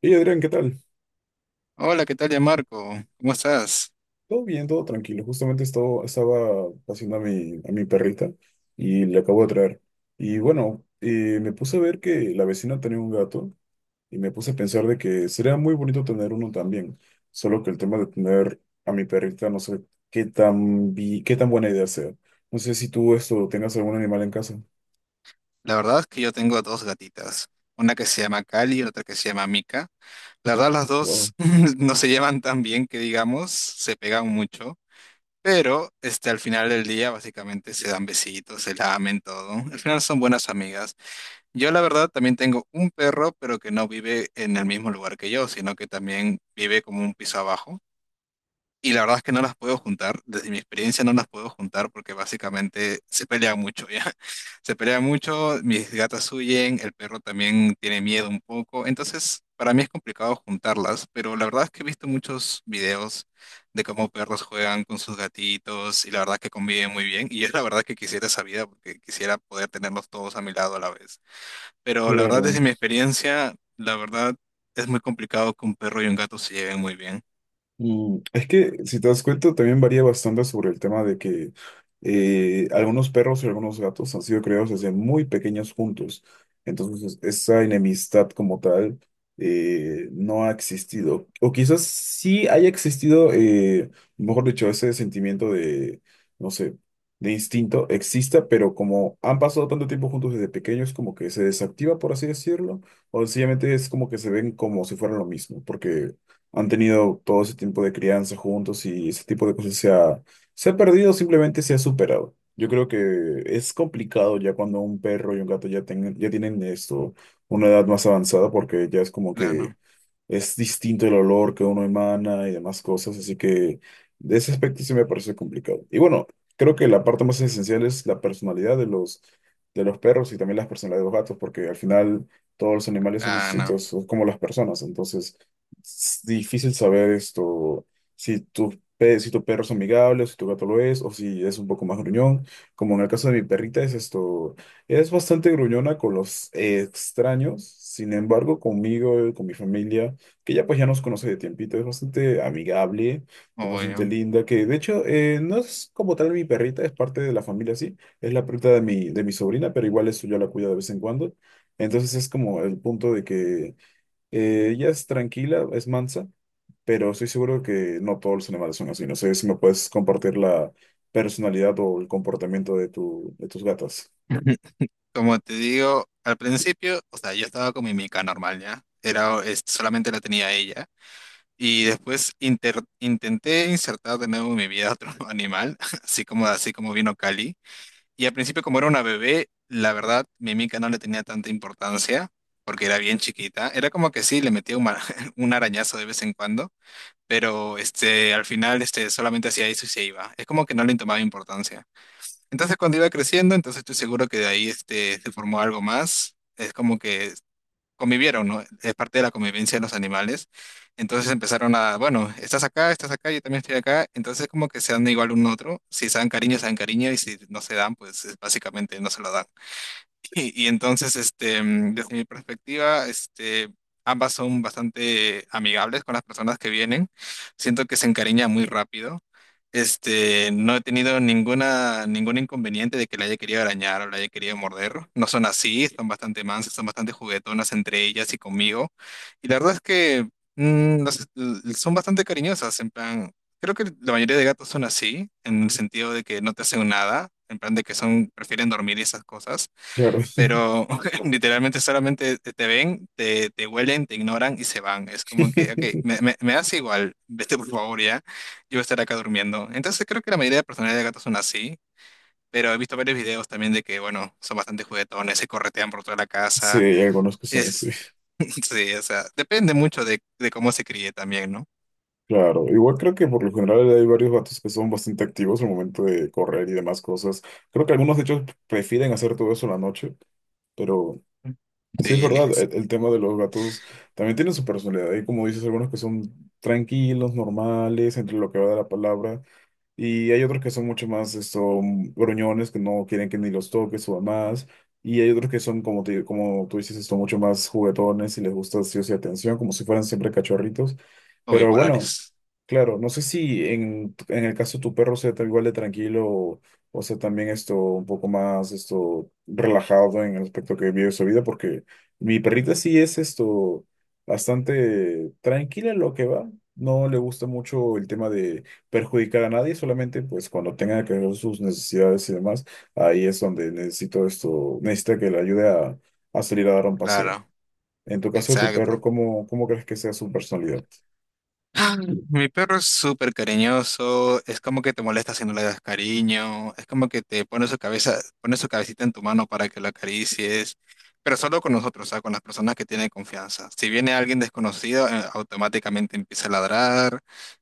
Hey Adrián, ¿qué tal? Hola, ¿qué tal, ya Marco? ¿Cómo estás? Todo bien, todo tranquilo. Justamente estaba haciendo a a mi perrita y le acabo de traer. Y bueno, me puse a ver que la vecina tenía un gato y me puse a pensar de que sería muy bonito tener uno también. Solo que el tema de tener a mi perrita, no sé qué tan buena idea sea. No sé si tú esto tengas algún animal en casa. La verdad es que yo tengo dos gatitas, una que se llama Cali y otra que se llama Mica. La verdad, las Wow, dos no se llevan tan bien que digamos, se pegan mucho, pero al final del día básicamente se dan besitos, se lamen todo. Al final son buenas amigas. Yo la verdad también tengo un perro, pero que no vive en el mismo lugar que yo, sino que también vive como un piso abajo. Y la verdad es que no las puedo juntar, desde mi experiencia no las puedo juntar porque básicamente se pelean mucho ya. Se pelean mucho, mis gatas huyen, el perro también tiene miedo un poco, entonces para mí es complicado juntarlas, pero la verdad es que he visto muchos videos de cómo perros juegan con sus gatitos y la verdad es que conviven muy bien y es la verdad que quisiera esa vida porque quisiera poder tenerlos todos a mi lado a la vez. Pero la verdad claro. desde mi experiencia, la verdad es muy complicado que un perro y un gato se lleven muy bien. Mm. Es que, si te das cuenta, también varía bastante sobre el tema de que algunos perros y algunos gatos han sido criados desde muy pequeños juntos. Entonces, esa enemistad como tal no ha existido. O quizás sí haya existido, mejor dicho, ese sentimiento de, no sé, de instinto exista, pero como han pasado tanto tiempo juntos desde pequeños, como que se desactiva, por así decirlo, o sencillamente es como que se ven como si fueran lo mismo, porque han tenido todo ese tiempo de crianza juntos y ese tipo de cosas se ha perdido, simplemente se ha superado. Yo creo que es complicado ya cuando un perro y un gato ya, ya tienen una edad más avanzada, porque ya es como Claro, que claro. es distinto el olor que uno emana y demás cosas, así que de ese aspecto sí me parece complicado. Y bueno, creo que la parte más esencial es la personalidad de de los perros y también las personalidades de los gatos, porque al final todos los animales son distintos, son como las personas, entonces es difícil saber si si tu perro es amigable, si tu gato lo es, o si es un poco más gruñón, como en el caso de mi perrita es esto. Es bastante gruñona con los extraños, sin embargo, conmigo, con mi familia que ya pues ya nos conoce de tiempito, es bastante amigable, es bastante Oye, linda, que de hecho no es como tal mi perrita, es parte de la familia, sí, es la perrita de de mi sobrina, pero igual eso yo la cuido de vez en cuando. Entonces es como el punto de que ella es tranquila, es mansa, pero estoy seguro que no todos los animales son así. No sé si me puedes compartir la personalidad o el comportamiento de, de tus gatas. como te digo, al principio, o sea, yo estaba con mi mica normal, ¿ya? Era, solamente la tenía ella. Y después intenté insertar de nuevo en mi vida otro animal, así como vino Cali. Y al principio, como era una bebé, la verdad, mi mica no le tenía tanta importancia, porque era bien chiquita. Era como que sí, le metía un, un arañazo de vez en cuando, pero solamente hacía eso y se iba. Es como que no le tomaba importancia. Entonces cuando iba creciendo, entonces estoy seguro que de ahí se formó algo más. Es como que convivieron, ¿no? Es parte de la convivencia de los animales. Entonces empezaron a, bueno, estás acá, yo también estoy acá. Entonces como que se dan igual uno a otro. Si se dan cariño, se dan cariño y si no se dan, básicamente no se lo dan. Y entonces, desde mi perspectiva, ambas son bastante amigables con las personas que vienen. Siento que se encariña muy rápido. No he tenido ningún inconveniente de que la haya querido arañar o la haya querido morder. No son así, son bastante mansas, son bastante juguetonas entre ellas y conmigo. Y la verdad es que son bastante cariñosas, en plan, creo que la mayoría de gatos son así, en el sentido de que no te hacen nada, en plan de que son, prefieren dormir y esas cosas Claro. pero literalmente solamente te ven, te huelen, te ignoran y se van. Es como que, ok, me das igual, vete por favor ya, yo voy a estar acá durmiendo. Entonces creo que la mayoría de personalidades de gatos son así, pero he visto varios videos también de que, bueno, son bastante juguetones, se corretean por toda la Sí, casa. algunos que son así. Es, sí, o sea, depende mucho de cómo se críe también, ¿no? Claro, igual creo que por lo general hay varios vatos que son bastante activos al momento de correr y demás cosas. Creo que algunos de ellos prefieren hacer todo eso en la noche, pero sí es Sí, verdad, el tema de los gatos también tiene su personalidad. Y como dices, algunos que son tranquilos, normales, entre lo que va de la palabra, y hay otros que son mucho más gruñones, que no quieren que ni los toques o más. Y hay otros que son, como, como tú dices, mucho más juguetones y les gusta sí o sí atención, como si fueran siempre cachorritos. o Pero bueno, bipolares. claro, no sé si en el caso de tu perro sea tal igual de tranquilo o sea también esto un poco más esto relajado en el aspecto que vive su vida, porque mi perrita sí es esto bastante tranquila en lo que va. No le gusta mucho el tema de perjudicar a nadie, solamente pues cuando tenga que ver sus necesidades y demás, ahí es donde necesita que le ayude a salir a dar un paseo. Claro, En tu caso de tu perro, exacto. ¿cómo, cómo crees que sea su personalidad? Mi perro es súper cariñoso, es como que te molesta si no le das cariño, es como que te pone su cabeza, pone su cabecita en tu mano para que lo acaricies, pero solo con nosotros, o sea, con las personas que tienen confianza. Si viene alguien desconocido, automáticamente empieza a ladrar,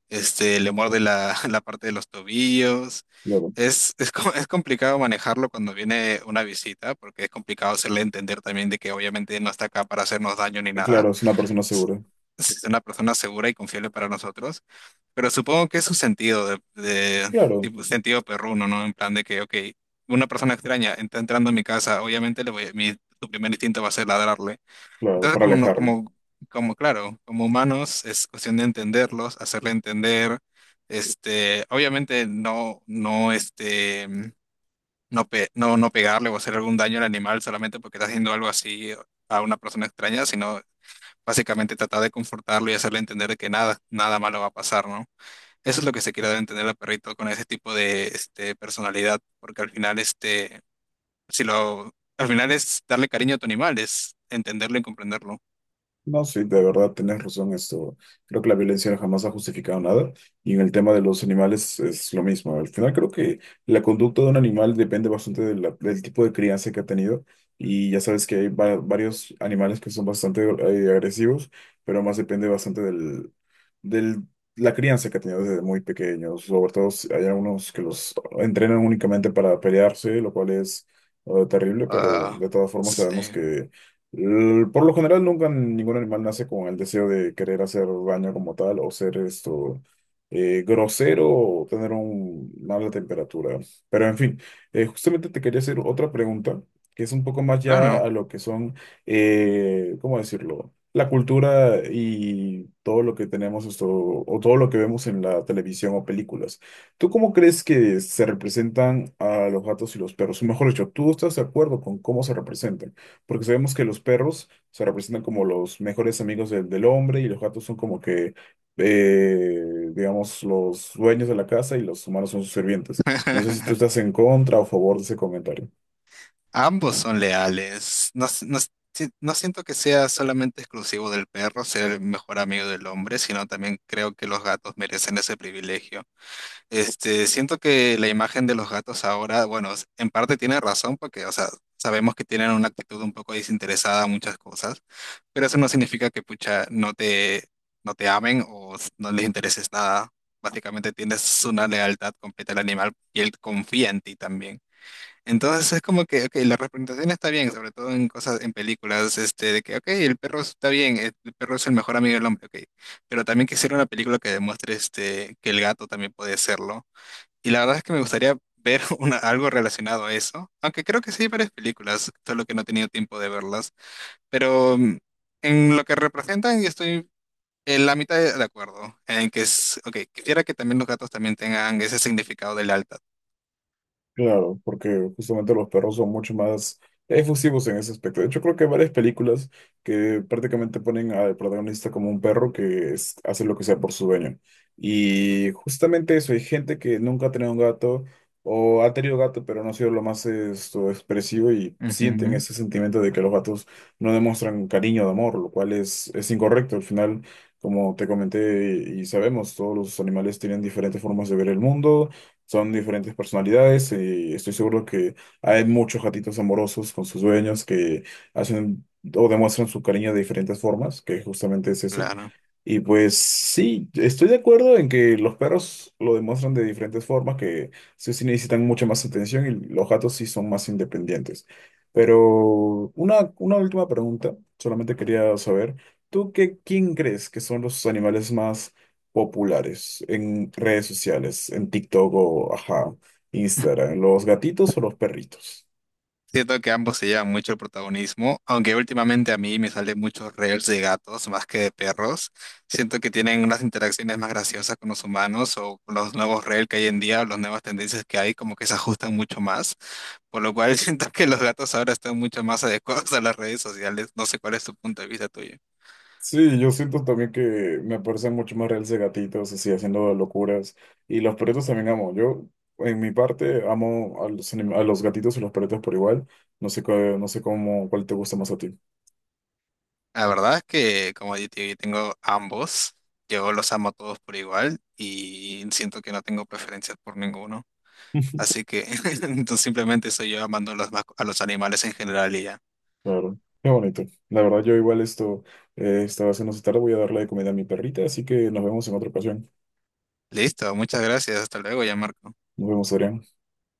le muerde la, la parte de los tobillos. Claro. Es complicado manejarlo cuando viene una visita, porque es complicado hacerle entender también de que obviamente no está acá para hacernos daño ni nada Claro, es una persona s- segura. es una persona segura y confiable para nosotros, pero supongo que es su sentido de, Claro, tipo sentido perruno, ¿no? En plan de que, ok, una persona extraña está entrando a mi casa, obviamente le voy, su primer instinto va a ser ladrarle. claro, Entonces, para como no, alejarlo. como, como claro, como humanos es cuestión de entenderlos, hacerle entender, obviamente no pegarle o hacer algún daño al animal solamente porque está haciendo algo así a una persona extraña, sino básicamente tratar de confortarlo y hacerle entender de que nada, nada malo va a pasar, ¿no? Eso es lo que se quiere dar a entender al perrito con ese tipo de personalidad, porque al final, este, si lo, al final es darle cariño a tu animal, es entenderlo y comprenderlo. No, sí, de verdad, tienes razón esto. Creo que la violencia jamás ha justificado nada. Y en el tema de los animales es lo mismo. Al final creo que la conducta de un animal depende bastante de del tipo de crianza que ha tenido. Y ya sabes que hay varios animales que son bastante agresivos, pero más depende bastante del la crianza que ha tenido desde muy pequeños. Sobre todo si hay algunos que los entrenan únicamente para pelearse, lo cual es terrible, pero Ah, de todas formas sabemos sí, que por lo general, nunca ningún animal nace con el deseo de querer hacer daño como tal o ser esto grosero o tener una mala temperatura. Pero en fin, justamente te quería hacer otra pregunta que es un poco más ya claro. a lo que son, ¿cómo decirlo? La cultura y todo lo que tenemos esto o todo lo que vemos en la televisión o películas. ¿Tú cómo crees que se representan a los gatos y los perros? O mejor dicho, ¿tú estás de acuerdo con cómo se representan? Porque sabemos que los perros se representan como los mejores amigos del hombre y los gatos son como que, eh, digamos, los dueños de la casa y los humanos son sus sirvientes. No sé si tú estás en contra o a favor de ese comentario. Ambos son leales. No siento que sea solamente exclusivo del perro ser el mejor amigo del hombre, sino también creo que los gatos merecen ese privilegio. Siento que la imagen de los gatos ahora, bueno, en parte tiene razón porque, o sea, sabemos que tienen una actitud un poco desinteresada a muchas cosas, pero eso no significa que, pucha, no te amen no les intereses nada. Básicamente tienes una lealtad completa al animal y él confía en ti también. Entonces es como que, ok, la representación está bien, sobre todo en cosas, en películas, de que, ok, el perro está bien, el perro es el mejor amigo del hombre, ok, pero también quisiera una película que demuestre, que el gato también puede serlo y la verdad es que me gustaría ver algo relacionado a eso, aunque creo que sí hay varias películas, solo que no he tenido tiempo de verlas. Pero en lo que representan, yo estoy en la mitad de acuerdo, en que es, ok, quisiera que también los gatos también tengan ese significado del alta. Claro, porque justamente los perros son mucho más efusivos en ese aspecto. De hecho, creo que hay varias películas que prácticamente ponen al protagonista como un perro que hace lo que sea por su dueño. Y justamente eso, hay gente que nunca ha tenido un gato o ha tenido gato pero no ha sido lo más expresivo y sienten Ujú. ese sentimiento de que los gatos no demuestran cariño o amor, lo cual es incorrecto. Al final, como te comenté y sabemos, todos los animales tienen diferentes formas de ver el mundo, son diferentes personalidades y estoy seguro que hay muchos gatitos amorosos con sus dueños que hacen o demuestran su cariño de diferentes formas, que justamente es eso. Claro. Y pues sí, estoy de acuerdo en que los perros lo demuestran de diferentes formas, que sí, sí necesitan mucha más atención y los gatos sí son más independientes. Pero una última pregunta, solamente quería saber, ¿ quién crees que son los animales más populares en redes sociales, en TikTok o ajá, Instagram, ¿los gatitos o los perritos? Siento que ambos se llevan mucho el protagonismo, aunque últimamente a mí me salen muchos reels de gatos más que de perros. Siento que tienen unas interacciones más graciosas con los humanos o con los nuevos reels que hay en día, o las nuevas tendencias que hay, como que se ajustan mucho más. Por lo cual siento que los gatos ahora están mucho más adecuados a las redes sociales. No sé cuál es tu punto de vista tuyo. Sí, yo siento también que me parecen mucho más reales de gatitos, así, haciendo locuras. Y los perritos también amo. Yo, en mi parte, amo a los, a los gatitos y los perritos por igual. No sé, no sé cómo, cuál te gusta más a ti. La verdad es que como yo tengo ambos, yo los amo a todos por igual y siento que no tengo preferencias por ninguno. Así que entonces simplemente soy yo amando a los, a los animales en general y ya. Claro, qué bonito. La verdad, yo igual esto estaba haciendo esta tarde, voy a darle de comida a mi perrita, así que nos vemos en otra ocasión. Listo, muchas gracias. Hasta luego, ya Marco. Nos vemos, Adrián.